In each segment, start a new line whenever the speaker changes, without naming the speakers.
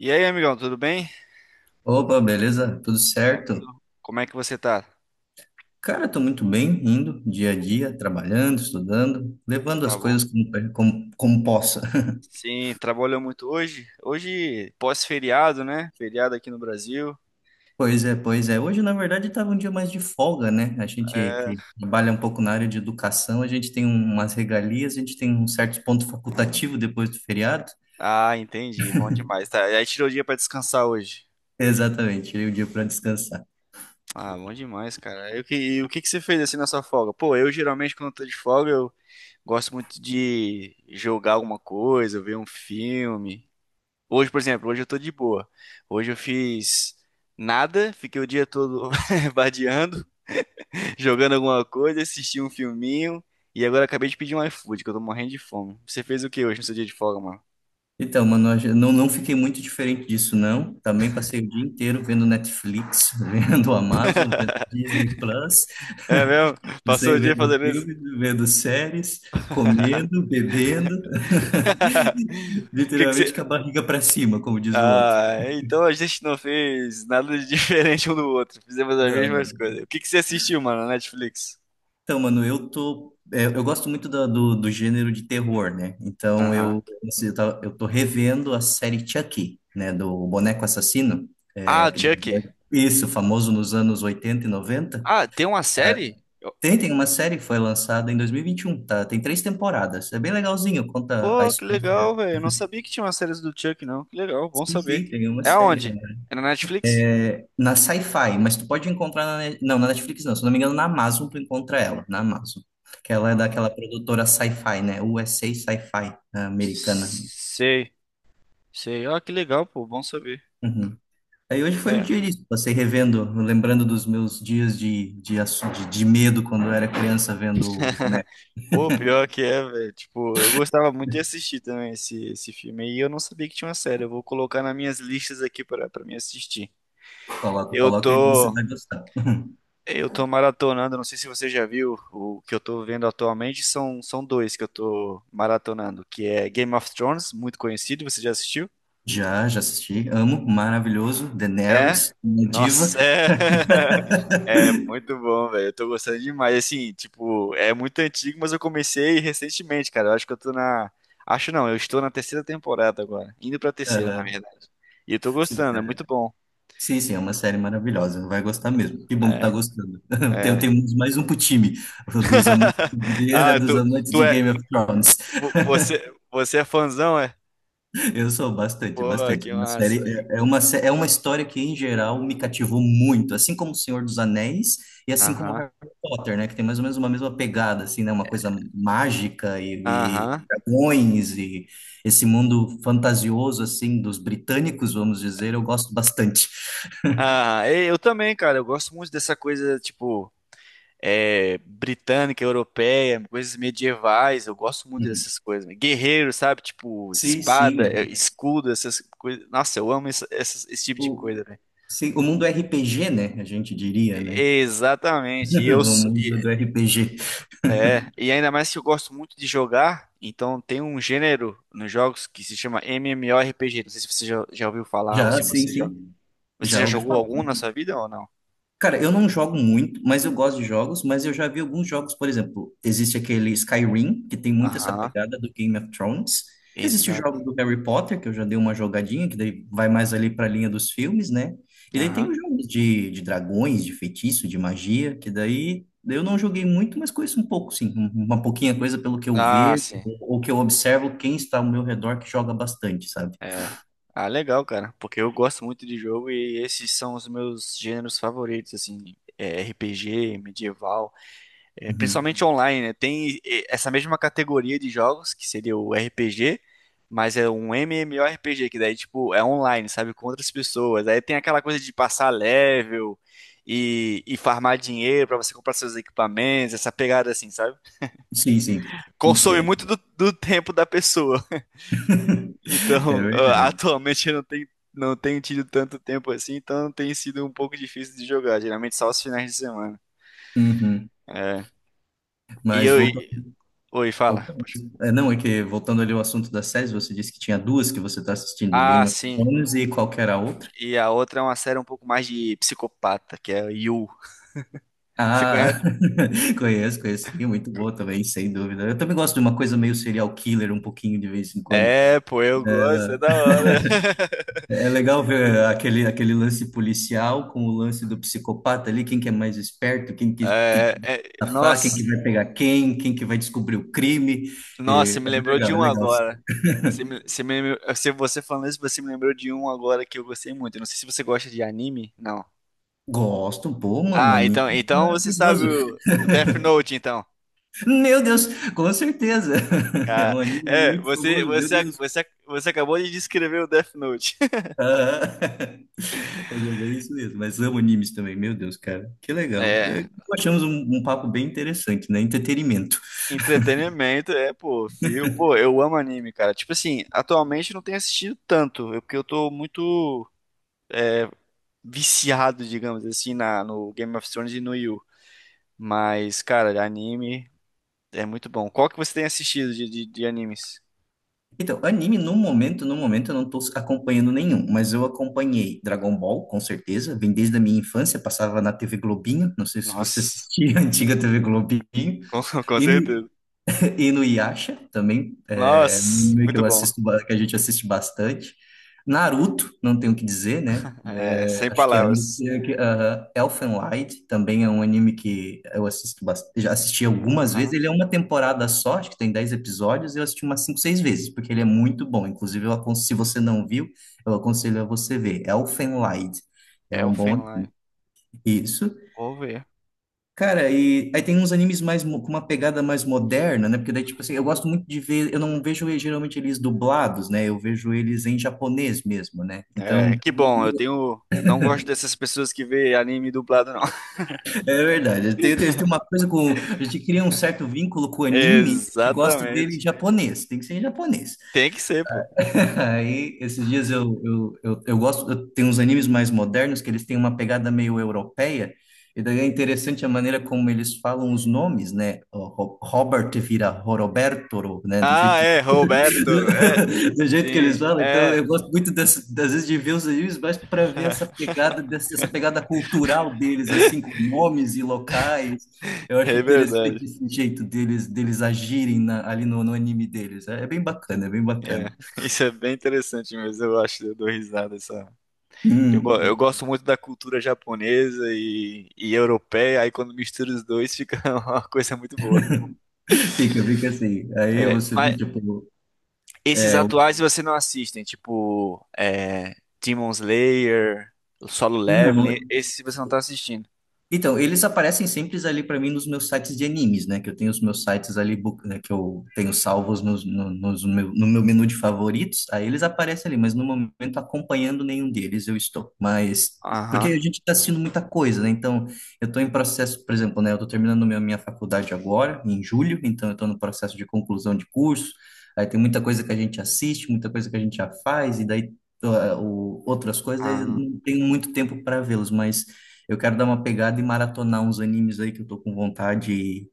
E aí, amigão, tudo bem?
Opa, beleza? Tudo certo?
Como é que você tá?
Cara, tô muito bem, indo dia a dia, trabalhando, estudando, levando as
Tá bom?
coisas como possa.
Sim, trabalhou muito hoje? Hoje, pós-feriado, né? Feriado aqui no Brasil.
Pois é, pois é. Hoje, na verdade, estava um dia mais de folga, né? A gente que
É...
trabalha um pouco na área de educação, a gente tem umas regalias, a gente tem um certo ponto facultativo depois do feriado.
Ah, entendi. Bom demais. Tá, aí tirou o dia pra descansar hoje.
Exatamente, tirei o dia para descansar.
Ah, bom demais, cara. E o que que você fez assim na sua folga? Pô, eu geralmente quando eu tô de folga, eu gosto muito de jogar alguma coisa, ver um filme. Hoje, por exemplo, hoje eu tô de boa. Hoje eu fiz nada, fiquei o dia todo vadiando. Jogando alguma coisa, assisti um filminho e agora acabei de pedir um iFood, que eu tô morrendo de fome. Você fez o que hoje no seu dia de folga, mano?
Então, mano, eu não fiquei muito diferente disso, não. Também passei o dia inteiro vendo Netflix, vendo Amazon, vendo Disney Plus.
É mesmo? Passou
Você
o dia
vendo
fazendo isso?
filme, vendo séries, comendo, bebendo,
O que que
literalmente
você.
com a barriga para cima, como diz o outro.
Ah, então a gente não fez nada de diferente um do outro. Fizemos as
Não,
mesmas
não.
coisas. O que que você assistiu, mano, na Netflix?
Então, mano, eu gosto muito do gênero de terror, né? Então,
Aham.
eu, assim, eu tô revendo a série Chucky, né? Do boneco assassino. É,
Ah,
que-
Chuck.
é isso, famoso nos anos 80 e 90.
Ah, tem uma série? Eu-
Tem uma série que foi lançada em dois mil e vinte e um, tá? Tem três temporadas. É bem legalzinho, conta a
Pô, que legal,
história.
velho. Eu não sabia que tinha uma série do Chuck, não. Que legal, bom
Sim,
saber.
sim, tem uma
É
série,
aonde?
né?
É na Netflix?
É, na Sci-Fi, mas tu pode encontrar não, na Netflix não, se eu não me engano, na Amazon tu encontra ela, na Amazon. Que ela é daquela produtora Sci-Fi, né? USA Sci-Fi, a Sci-Fi, né, americana.
Sei, sei. Ó, que legal, pô, bom saber.
Uhum. Aí hoje foi o
É.
dia disso, passei revendo, lembrando dos meus dias de medo quando eu era criança vendo o boneco.
Pô, pior que é, velho. Tipo, eu gostava muito de assistir também esse filme. E eu não sabia que tinha uma série. Eu vou colocar nas minhas listas aqui para me assistir.
Coloca,
Eu
coloca, e você
tô,
vai gostar.
eu tô maratonando. Não sei se você já viu o que eu tô vendo atualmente. São dois que eu tô maratonando, que é Game of Thrones, muito conhecido. Você já assistiu?
Já, já assisti, amo, maravilhoso, Daenerys,
É?
minha diva.
Nossa, é. É muito bom, velho. Eu tô gostando demais. Assim, tipo, é muito antigo, mas eu comecei recentemente, cara. Eu acho que eu tô na. Acho não, eu estou na terceira temporada agora. Indo pra terceira, na
Aham.
verdade. E eu tô gostando, é muito bom.
Sim, sim, é uma
Muito-
série maravilhosa, vai gostar mesmo. Que bom que tá
É,
gostando. Tem-
é.
Temos mais um pro time, o dos amantes de guerra,
Ah,
dos amantes
tu
de
é.
Game of Thrones.
Você é fãzão, é?
Eu sou bastante,
Pô,
bastante.
que
Uma
massa.
série é uma história que em geral me cativou muito, assim como O Senhor dos Anéis e assim como
Aham,
Harry Potter, né, que tem mais ou menos uma mesma pegada assim, né, uma coisa mágica e
aham.
dragões e esse mundo fantasioso assim dos britânicos, vamos dizer, eu gosto bastante.
Ah, e eu também, cara. Eu gosto muito dessa coisa, tipo, britânica, europeia, coisas medievais. Eu gosto muito
Uhum.
dessas coisas, né? Guerreiro, sabe? Tipo,
Sim, sim.
espada,
É.
escudo, essas coisas. Nossa, eu amo esse, tipo de
O-
coisa, velho.
Sim, o mundo RPG, né? A gente diria, né?
Exatamente. E eu
O
s-
mundo
e-
do RPG.
e ainda mais que eu gosto muito de jogar, então tem um gênero nos jogos que se chama MMORPG. Não sei se você já ouviu falar ou
Já,
se
sim,
você já.
sim.
Você
Já
já
ouvi.
jogou algum na sua vida ou não?
Cara, eu não jogo muito, mas eu gosto de jogos, mas eu já vi alguns jogos, por exemplo, existe aquele Skyrim, que tem muito essa
Aham.
pegada do Game of Thrones. Existe o
Exato.
jogo do Harry Potter, que eu já dei uma jogadinha, que daí vai mais ali para a linha dos filmes, né? E daí
Aham.
tem os jogos de dragões, de feitiço, de magia, que daí eu não joguei muito, mas conheço um pouco, sim, uma pouquinha coisa pelo que eu
Ah,
vejo,
sim.
ou que eu observo quem está ao meu redor que joga bastante, sabe?
É. Ah, legal, cara. Porque eu gosto muito de jogo e esses são os meus gêneros favoritos, assim. RPG, medieval,
Uhum.
principalmente online, né? Tem essa mesma categoria de jogos, que seria o RPG, mas é um MMORPG, que daí, tipo, é online, sabe? Com outras pessoas. Aí tem aquela coisa de passar level e farmar dinheiro pra você comprar seus equipamentos, essa pegada assim, sabe?
Sim, sim,
Consome muito
entendo.
do tempo da pessoa. Então,
É
ah,
verdade.
atualmente eu não tenho tido tanto tempo assim, então tem sido um pouco difícil de jogar, geralmente só os finais de semana.
Uhum.
E
Mas
eu. E-
voltando.
Oi, fala. Poxa.
É, não, é que voltando ali ao assunto das séries, você disse que tinha duas que você está assistindo,
Ah,
Game of
sim.
Thrones e qual que era a outra?
E a outra é uma série um pouco mais de psicopata, que é o You. Você
Ah,
conhece?
conheço, conheço, sim, muito boa também, sem dúvida. Eu também gosto de uma coisa meio serial killer, um pouquinho de vez em quando.
É, pô, eu gosto, é da hora.
É legal ver aquele lance policial com o lance do psicopata ali, quem que é mais esperto, quem que
É, é-
vai safar, quem
nossa,
que vai pegar quem, quem que vai descobrir o crime.
nossa,
É,
você
é
me lembrou de
legal, é
um
legal.
agora. Você me, se você falando isso, você me lembrou de um agora que eu gostei muito. Eu não sei se você gosta de anime. Não.
Gosto, pô, mano,
Ah,
anime
então,
é
então você sabe
maravilhoso.
o Death Note, então.
Meu Deus, com certeza. É
Ah,
um anime
é,
muito
você,
famoso, meu
você,
Deus.
você, você acabou de descrever o Death Note.
Ah, é isso mesmo, mas amo animes também, meu Deus, cara. Que legal. É,
É,
achamos um papo bem interessante, né? Entretenimento.
entretenimento, pô, filme. Pô, eu amo anime, cara. Tipo assim, atualmente eu não tenho assistido tanto, é porque eu tô muito viciado, digamos assim, no Game of Thrones e no Yu. Mas, cara, anime é muito bom. Qual que você tem assistido de animes?
Então, anime no momento, no momento eu não tô acompanhando nenhum, mas eu acompanhei Dragon Ball, com certeza, vem desde a minha infância, passava na TV Globinho, não sei se você
Nossa,
assistia a antiga TV Globinho,
com
e,
certeza.
E no Yasha também, é um
Nossa,
anime que
muito
eu
bom.
assisto, que a gente assiste bastante. Naruto, não tenho o que dizer, né?
É,
É,
sem
acho que é um dos
palavras.
que. Aham. Elfen Lied também é um anime que eu assisto bastante, já assisti algumas vezes.
Aham.
Ele é uma temporada só, acho que tem 10 episódios, e eu assisti umas 5 6 vezes, porque ele é muito bom. Inclusive, se você não viu, eu aconselho a você ver. Elfen Lied. É um bom.
Elfenlight.
Isso.
Vou ver.
Cara, e aí tem uns animes mais com uma pegada mais moderna, né? Porque daí, tipo assim, eu gosto muito de ver, eu não vejo geralmente eles dublados, né? Eu vejo eles em japonês mesmo, né?
É,
Então,
que bom, eu tenho. Não gosto dessas pessoas que vê anime dublado, não.
é verdade. Tem uma coisa com. A gente cria um certo vínculo com o anime, a gente gosta dele em
Exatamente.
japonês, tem que ser em japonês.
Tem que ser, pô.
Aí, esses dias eu gosto, eu, tem uns animes mais modernos que eles têm uma pegada meio europeia, e daí é interessante a maneira como eles falam os nomes, né? Robert vira Roberto, né? Do
Ah,
jeito,
é, Roberto. É,
do jeito que eles
sim,
falam. Então,
é.
eu gosto muito das vezes de ver os animes, mas para ver essa pegada, essa pegada cultural deles, assim, com nomes e locais. Eu acho
É
interessante
verdade.
esse jeito deles agirem ali no anime deles. É, é bem bacana, é bem
É,
bacana.
isso é bem interessante mesmo, eu acho, eu dou risada essa. Eu, go-
Hum.
eu gosto muito da cultura japonesa e europeia, aí quando mistura os dois fica uma coisa muito boa.
Fica, fica assim. Aí
É,
você vê,
mas,
tipo,
esses
é,
atuais você não assistem, tipo, Demon Slayer, Solo Leveling,
não,
esse você não tá assistindo.
Então, eles aparecem sempre ali para mim nos meus sites de animes, né? Que eu tenho os meus sites ali, né, que eu tenho salvos nos, no, nos meu, no meu menu de favoritos. Aí eles aparecem ali, mas no momento acompanhando nenhum deles eu estou. Mas, porque a
Aham.
gente está assistindo muita coisa, né? Então, eu estou em processo, por exemplo, né? Eu estou terminando minha faculdade agora, em julho, então eu estou no processo de conclusão de curso. Aí tem muita coisa que a gente assiste, muita coisa que a gente já faz, e daí. Ah, Outras coisas, aí eu
Ah,
não tenho muito tempo para vê-los, mas eu quero dar uma pegada e maratonar uns animes aí que eu tô com vontade e,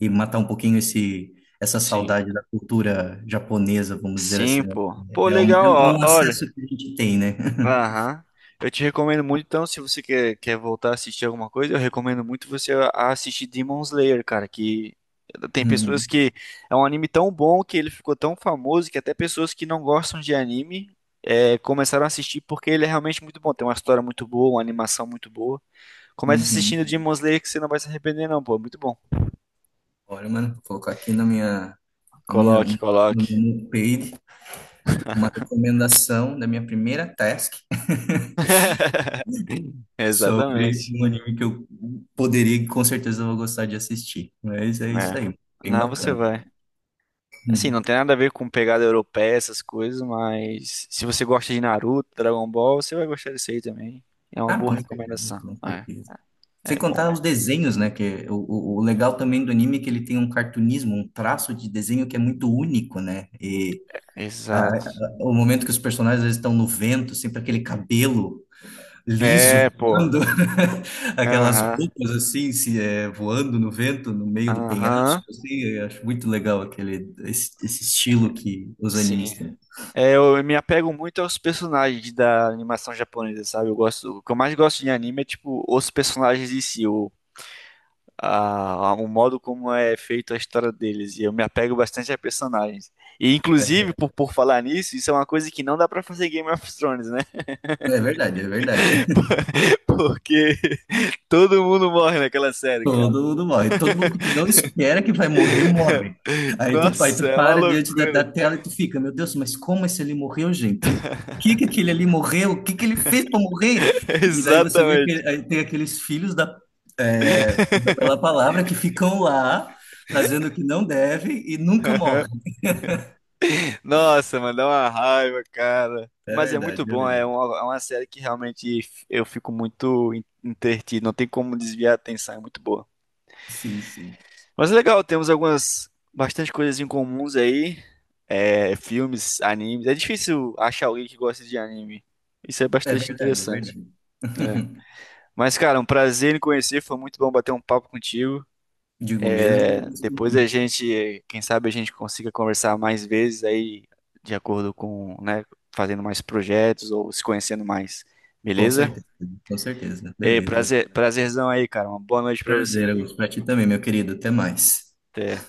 matar um pouquinho essa
sim.
saudade da cultura japonesa, vamos dizer
Sim,
assim,
pô.
né?
Pô,
É um,
legal,
é um é é
ó.
um
Olha.
acesso que a gente tem, né?
Aham. Eu te recomendo muito, então, se você quer voltar a assistir alguma coisa, eu recomendo muito você a assistir Demon Slayer, cara, que tem pessoas
Uhum,
que... É um anime tão bom que ele ficou tão famoso que até pessoas que não gostam de anime começaram a assistir porque ele é realmente muito bom. Tem uma história muito boa, uma animação muito boa. Comece assistindo
uhum.
Demon Slayer que você não vai se arrepender não, pô. É muito bom.
Olha, mano, vou colocar aqui na minha, na minha,
Coloque,
no
coloque.
meu page uma recomendação da minha primeira task sobre
Exatamente.
um anime que eu poderia e com certeza vou gostar de assistir. Mas é isso
É.
aí, bem
Não, você
bacana.
vai. Assim, não
Uhum.
tem nada a ver com pegada europeia, essas coisas, mas se você gosta de Naruto, Dragon Ball, você vai gostar desse aí também. É uma
Ah,
boa
com certeza,
recomendação.
com
É,
certeza. Sem
é bom,
contar
né?
os desenhos, né? Que o legal também do anime é que ele tem um cartunismo, um traço de desenho que é muito único, né? E
Exato.
o momento que os personagens às vezes, estão no vento, sempre aquele cabelo liso
É, pô.
voando, aquelas
Aham.
roupas assim, se é, voando no vento, no meio do penhasco,
Aham.
assim, eu acho muito legal esse estilo que os
Sim.
animes têm.
É, eu me apego muito aos personagens da animação japonesa, sabe? Eu gosto, o que eu mais gosto de anime é tipo os personagens em si, o modo como é feito a história deles. E eu me apego bastante a personagens. E, inclusive, por falar nisso, isso é uma coisa que não dá pra fazer Game of Thrones, né?
É verdade, é verdade.
Por- Porque todo mundo morre naquela série, cara.
Todo mundo morre. Todo mundo que tu não espera que vai morrer, morre. Aí tu, aí
Nossa,
tu
é uma
para diante da
loucura.
tela e tu fica, meu Deus, mas como esse ali morreu, gente? Por que que aquele ali morreu? O que que ele fez para morrer? E daí você vê que
Exatamente.
aí tem aqueles filhos da pela palavra que ficam lá fazendo o que não deve e nunca
Aham.
morrem.
Nossa, mano, dá uma raiva, cara.
É
Mas é
verdade,
muito
é
bom, é
verdade.
uma, é uma série que realmente eu fico muito entretido, não tem como desviar a atenção, é muito boa.
Sim, sim.
Mas é legal, temos algumas bastante coisas em comuns aí. É, filmes, animes. É difícil achar alguém que gosta de anime. Isso é
É
bastante
verdade, é
interessante.
verdade.
É. Mas, cara, um prazer em conhecer. Foi muito bom bater um papo contigo.
Digo mesmo,
É, depois a gente, quem sabe a gente consiga conversar mais vezes aí, de acordo com, né, fazendo mais projetos ou se conhecendo mais.
com
Beleza?
certeza, com certeza.
Ei,
Beleza.
prazer, prazerzão aí, cara. Uma boa noite pra você,
Prazer,
viu?
Augusto. Pra ti também, meu querido. Até mais.
Até.